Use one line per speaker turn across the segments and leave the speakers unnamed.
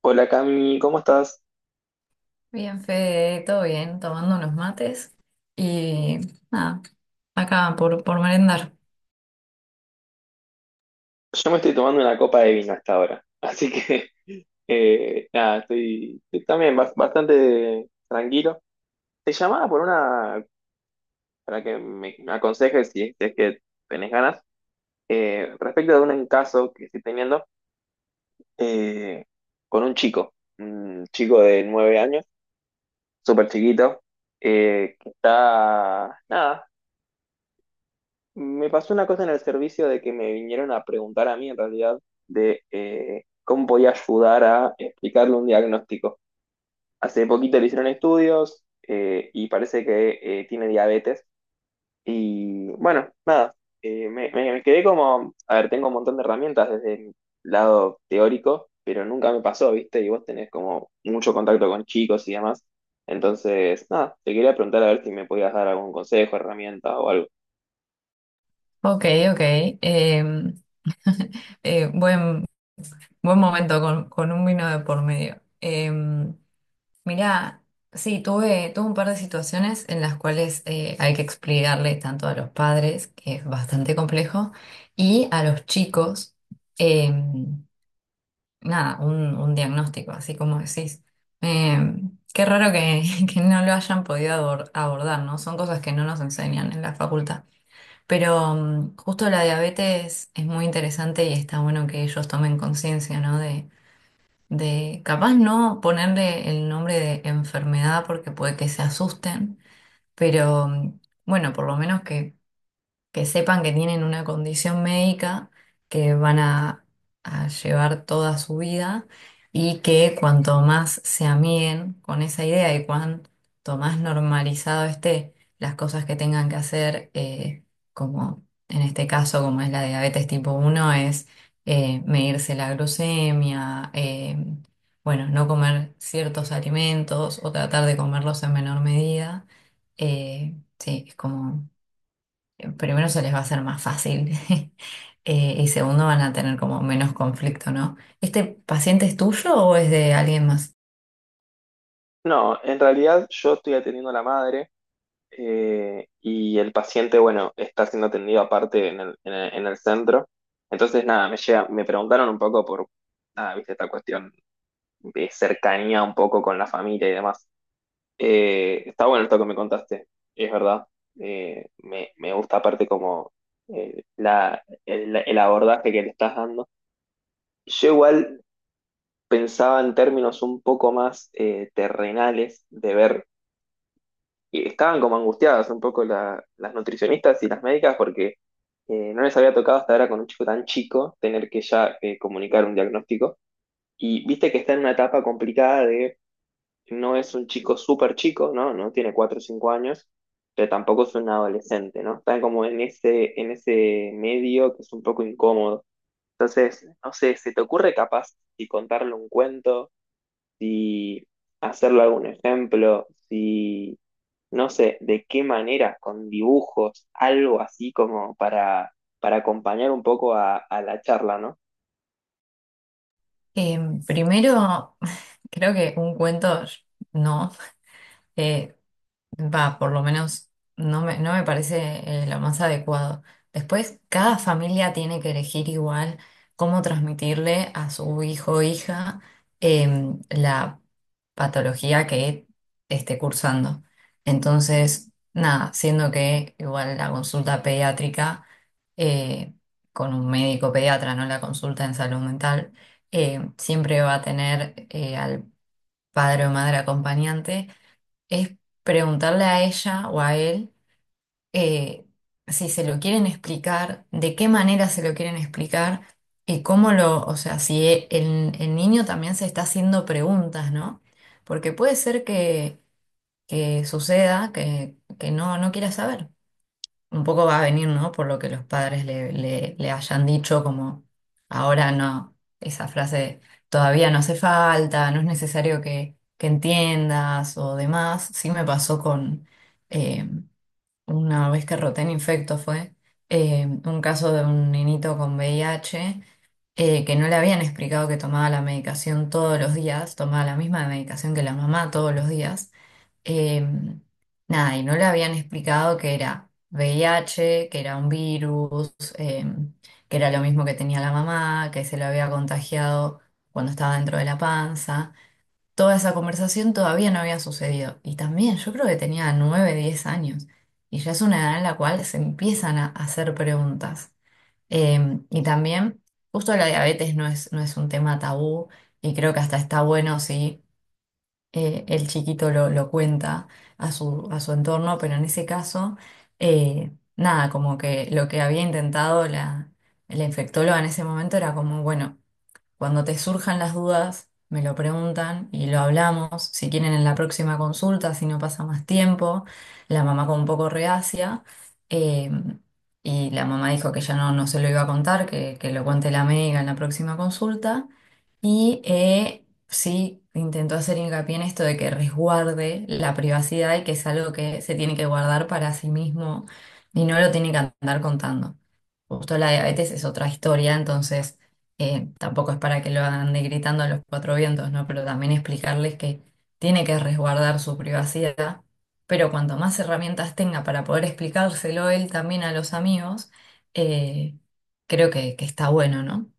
Hola Cami, ¿cómo estás?
Bien, Fede, todo bien, tomando unos mates y nada, acá por merendar.
Yo me estoy tomando una copa de vino hasta ahora, así que nada, estoy, también bastante tranquilo. Te llamaba por una, para que me aconsejes si es que tenés ganas, respecto de un caso que estoy teniendo eh, con un chico de 9 años, súper chiquito, que está, nada, Me pasó una cosa en el servicio de que me vinieron a preguntar a mí, en realidad, de cómo podía ayudar a explicarle un diagnóstico. Hace poquito le hicieron estudios y parece que tiene diabetes. Y bueno, nada, me, me- me quedé como, a ver, tengo un montón de herramientas desde el lado teórico, pero nunca me pasó, ¿viste? Y vos tenés como mucho contacto con chicos y demás. Entonces, nada, te quería preguntar a ver si me podías dar algún consejo, herramienta o algo.
Ok, ok. em, eh, buen, buen momento con un vino de por medio. Mirá, sí, tuve un par de situaciones en las cuales hay que explicarle tanto a los padres, que es bastante complejo, y a los chicos. em, nada, un diagnóstico, así como decís. Eh, qué raro que, que no lo hayan podido abordar, ¿no? Son cosas que no nos enseñan en la facultad. Pero mm, justo la diabetes es muy interesante y está bueno que ellos tomen conciencia, ¿no? De capaz no ponerle el nombre de enfermedad porque puede que se asusten, pero mm, bueno, por lo menos que sepan que tienen una condición médica que van a llevar toda su vida y que cuanto más se amiguen con esa idea y cuanto más normalizado esté las cosas que tengan que hacer, como en este caso, como es la diabetes tipo uno es medirse la glucemia, bueno, no comer ciertos alimentos o tratar de comerlos en menor medida. Sí, es como primero se les va a hacer más fácil y segundo van a tener como menos conflicto, ¿no? ¿Este paciente es tuyo o es de alguien más?
No, en realidad yo estoy atendiendo a la madre y el paciente, bueno, está siendo atendido aparte en el centro. Entonces, nada, me preguntaron un poco por, nada, viste, esta cuestión de cercanía un poco con la familia y demás. Está bueno esto que me contaste, es verdad. Me gusta aparte como el abordaje que le estás dando. Yo igual pensaba en términos un poco más terrenales de ver y estaban como angustiadas un poco las nutricionistas y las médicas porque no les había tocado hasta ahora con un chico tan chico tener que ya comunicar un diagnóstico. Y viste que está en una etapa complicada de no es un chico súper chico, ¿no? No tiene 4 o 5 años, pero tampoco es un adolescente, ¿no? Está como en ese medio que es un poco incómodo. Entonces, no sé, ¿se te ocurre capaz y contarle un cuento? Si hacerle algún ejemplo, si no sé de qué manera, con dibujos, algo así como para acompañar un poco a la charla, ¿no?
Eh, primero, creo que un cuento no. Eh, Va, por lo menos no me parece lo más adecuado. Después, cada familia tiene que elegir igual cómo transmitirle a su hijo o hija la patología que esté cursando. Entonces, nada, siendo que igual la consulta pediátrica eh, con un médico pediatra, no la consulta en salud mental, siempre va a tener al padre o madre acompañante es preguntarle a ella o a él, eh, si se lo quieren explicar, de qué manera se lo quieren explicar y cómo lo, o sea, si el niño también se está haciendo preguntas, ¿no? Porque puede ser que suceda que no, no quiera saber un poco va a venir, ¿no? Por lo que los padres le hayan dicho, como ahora no, esa frase todavía no hace falta, no es necesario que entiendas o demás. Sí me pasó con eh, una vez que roté en infecto fue un caso de un nenito con VIH. Que no le habían explicado que tomaba la medicación todos los días, tomaba la misma medicación que la mamá todos los días, eh, nada, y no le habían explicado que era V I H, que era un virus, eh, que era lo mismo que tenía la mamá, que se lo había contagiado cuando estaba dentro de la panza. Toda esa conversación todavía no había sucedido. Y también yo creo que tenía 9 10 años. Y ya es una edad en la cual se empiezan a hacer preguntas. Y también, justo la diabetes no es, no es un tema tabú y creo que hasta está bueno, sí, el chiquito lo cuenta a su entorno, pero en ese caso, nada, como que lo que había intentado la infectóloga en ese momento era como, bueno, cuando te surjan las dudas, me lo preguntan y lo hablamos. Si quieren en la próxima consulta, si no pasa más tiempo, la mamá con un poco reacia. eh, y la mamá dijo que ya no, no se lo iba a contar, que lo cuente la médica en la próxima consulta. Y sí, intentó hacer hincapié en esto de que resguarde la privacidad y que es algo que se tiene que guardar para sí mismo y no lo tiene que andar contando. Justo la diabetes es otra historia, entonces tampoco es para que lo ande gritando a los cuatro vientos, ¿no? Pero también explicarles que tiene que resguardar su privacidad, pero cuanto más herramientas tenga para poder explicárselo él también a los amigos, eh, creo que está bueno, ¿no?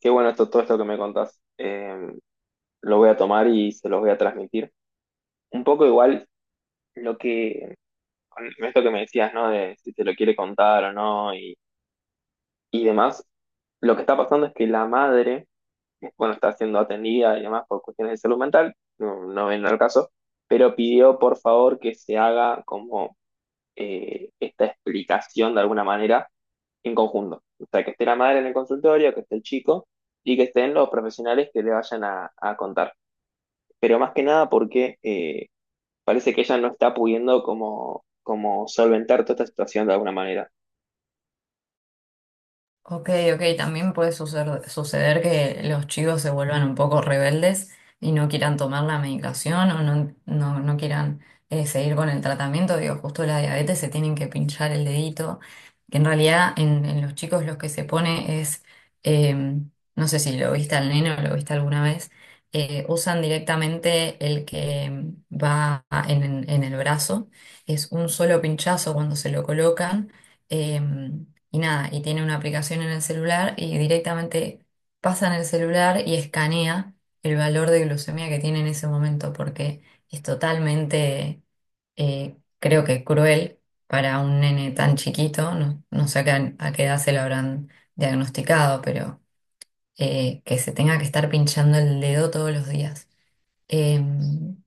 Qué bueno esto, todo esto que me contás. Lo voy a tomar y se los voy a transmitir. Un poco igual lo que, con esto que me decías, ¿no? De si se lo quiere contar o no y, y demás. Lo que está pasando es que la madre bueno, está siendo atendida y demás por cuestiones de salud mental, no, no ven al caso, pero pidió por favor que se haga como esta explicación de alguna manera en conjunto. O sea, que esté la madre en el consultorio, que esté el chico y que estén los profesionales que le vayan a contar. Pero más que nada porque parece que ella no está pudiendo como, como solventar toda esta situación de alguna manera.
Ok, ok, también puede suceder que los chicos se vuelvan un poco rebeldes y no quieran tomar la medicación o no, no, no quieran seguir con el tratamiento. Digo, justo la diabetes se tienen que pinchar el dedito, que en realidad en los chicos lo que se pone es, eh, no sé si lo viste al nene o lo viste alguna vez, usan directamente el que va en el brazo, es un solo pinchazo cuando se lo colocan. Y nada, y tiene una aplicación en el celular y directamente pasa en el celular y escanea el valor de glucemia que tiene en ese momento, porque es totalmente, creo que cruel para un nene tan chiquito, no, no sé a qué edad se lo habrán diagnosticado, pero que se tenga que estar pinchando el dedo todos los días. Eh,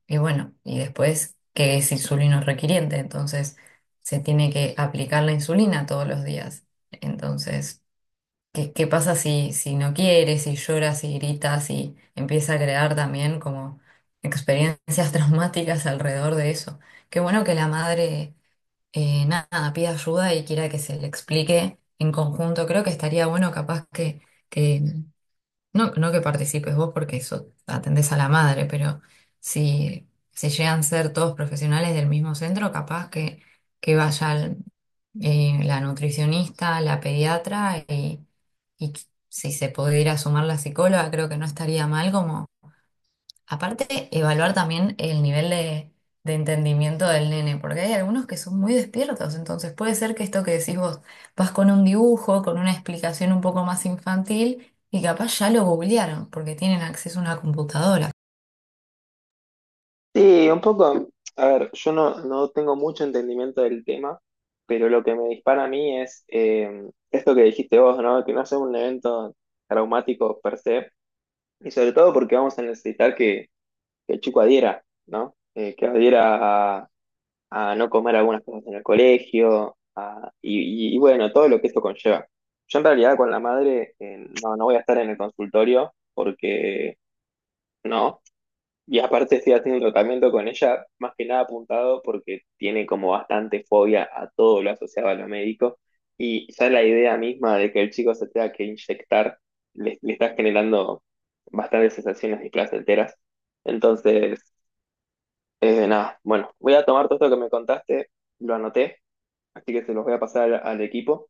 y bueno, y después que es insulino requiriente, entonces se tiene que aplicar la insulina todos los días. Entonces, ¿qué, qué pasa si, si no quieres si lloras si gritas si empieza a crear también como experiencias traumáticas alrededor de eso? Qué bueno que la madre, nada, pida ayuda y quiera que se le explique en conjunto. Creo que estaría bueno capaz que... No, no que participes vos porque eso atendés a la madre, pero si, si llegan a ser todos profesionales del mismo centro, capaz que vayan la nutricionista, la pediatra y si se pudiera sumar la psicóloga, creo que no estaría mal. Como aparte, evaluar también el nivel de entendimiento del nene, porque hay algunos que son muy despiertos, entonces puede ser que esto que decís vos, vas con un dibujo, con una explicación un poco más infantil, y capaz ya lo googlearon, porque tienen acceso a una computadora.
Sí, un poco, a ver, yo no, no tengo mucho entendimiento del tema, pero lo que me dispara a mí es esto que dijiste vos, ¿no? Que no sea un evento traumático per se, y sobre todo porque vamos a necesitar que el chico adhiera, ¿no? Que adhiera a, no comer algunas cosas en el colegio, y bueno, todo lo que esto conlleva. Yo en realidad con la madre no, no voy a estar en el consultorio porque no. Y aparte estoy haciendo un tratamiento con ella, más que nada apuntado porque tiene como bastante fobia a todo lo asociado a lo médico y ya la idea misma de que el chico se tenga que inyectar le está generando bastantes sensaciones displacenteras. Entonces, nada, bueno, voy a tomar todo esto que me contaste, lo anoté, así que se los voy a pasar al equipo.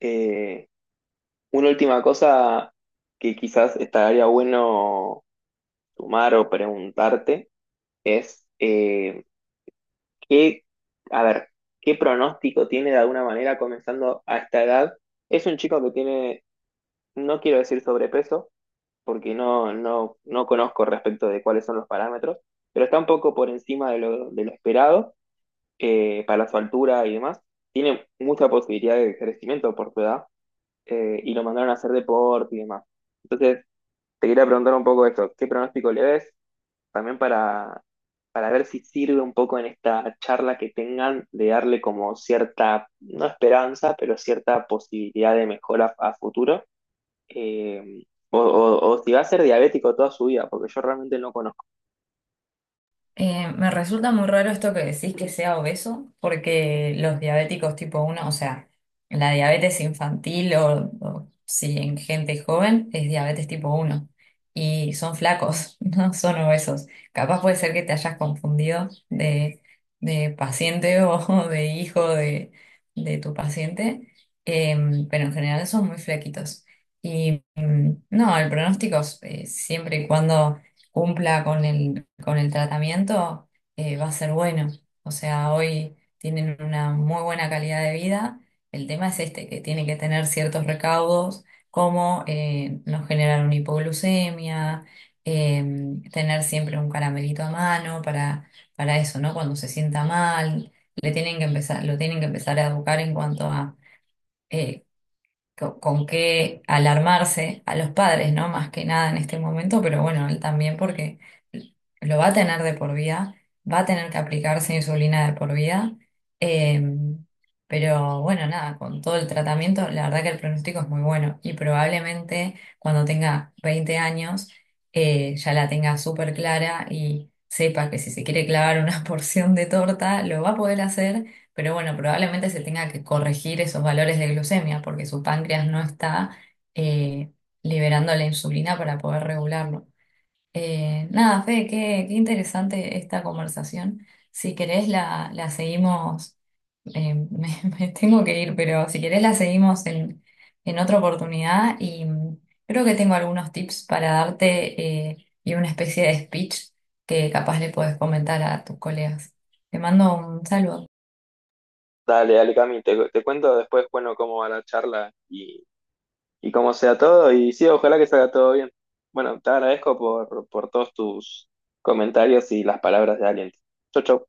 Eh, una última cosa que quizás estaría bueno sumar o preguntarte es... qué, a ver, qué pronóstico tiene de alguna manera comenzando a esta edad. Es un chico que tiene, no quiero decir sobrepeso, porque no conozco respecto de cuáles son los parámetros, pero está un poco por encima de lo esperado para su altura y demás. Tiene mucha posibilidad de crecimiento por su edad y lo mandaron a hacer deporte y demás. Entonces, te quería preguntar un poco esto, ¿qué pronóstico le ves? También para ver si sirve un poco en esta charla que tengan de darle como cierta, no esperanza, pero cierta posibilidad de mejora a futuro. eh, o o si va a ser diabético toda su vida, porque yo realmente no conozco.
Me resulta muy raro esto que decís que sea obeso, porque los diabéticos tipo uno o sea, la diabetes infantil o si en gente joven es diabetes tipo uno y son flacos, no son obesos. Capaz puede ser que te hayas confundido de paciente o de hijo de tu paciente, pero en general son muy flaquitos. Y mm, no, el pronóstico es, siempre y cuando cumpla con el tratamiento va a ser bueno. O sea, hoy tienen una muy buena calidad de vida. El tema es este, que tiene que tener ciertos recaudos, como no generar una hipoglucemia, eh, tener siempre un caramelito a mano para eso, ¿no? Cuando se sienta mal, le tienen que empezar, lo tienen que empezar a educar en cuanto a... eh, qué alarmarse a los padres, ¿no? Más que nada en este momento, pero bueno, él también porque lo va a tener de por vida, va a tener que aplicarse insulina de por vida, eh, pero bueno, nada, con todo el tratamiento, la verdad que el pronóstico es muy bueno y probablemente cuando tenga 20 años ya la tenga súper clara y sepa que si se quiere clavar una porción de torta, lo va a poder hacer, pero bueno, probablemente se tenga que corregir esos valores de glucemia porque su páncreas no está eh, liberando la insulina para poder regularlo. Nada, Fede, qué, qué interesante esta conversación. Si querés la, la seguimos, eh, me, me tengo que ir, pero si querés la seguimos en otra oportunidad y mm, creo que tengo algunos tips para darte y una especie de speech que capaz le podés comentar a tus colegas. Te mando un saludo.
Dale, dale, Cami, te cuento después, bueno, cómo va la charla y cómo sea todo. Y sí, ojalá que salga todo bien. Bueno, te agradezco por todos tus comentarios y las palabras de aliento. Chau, chau.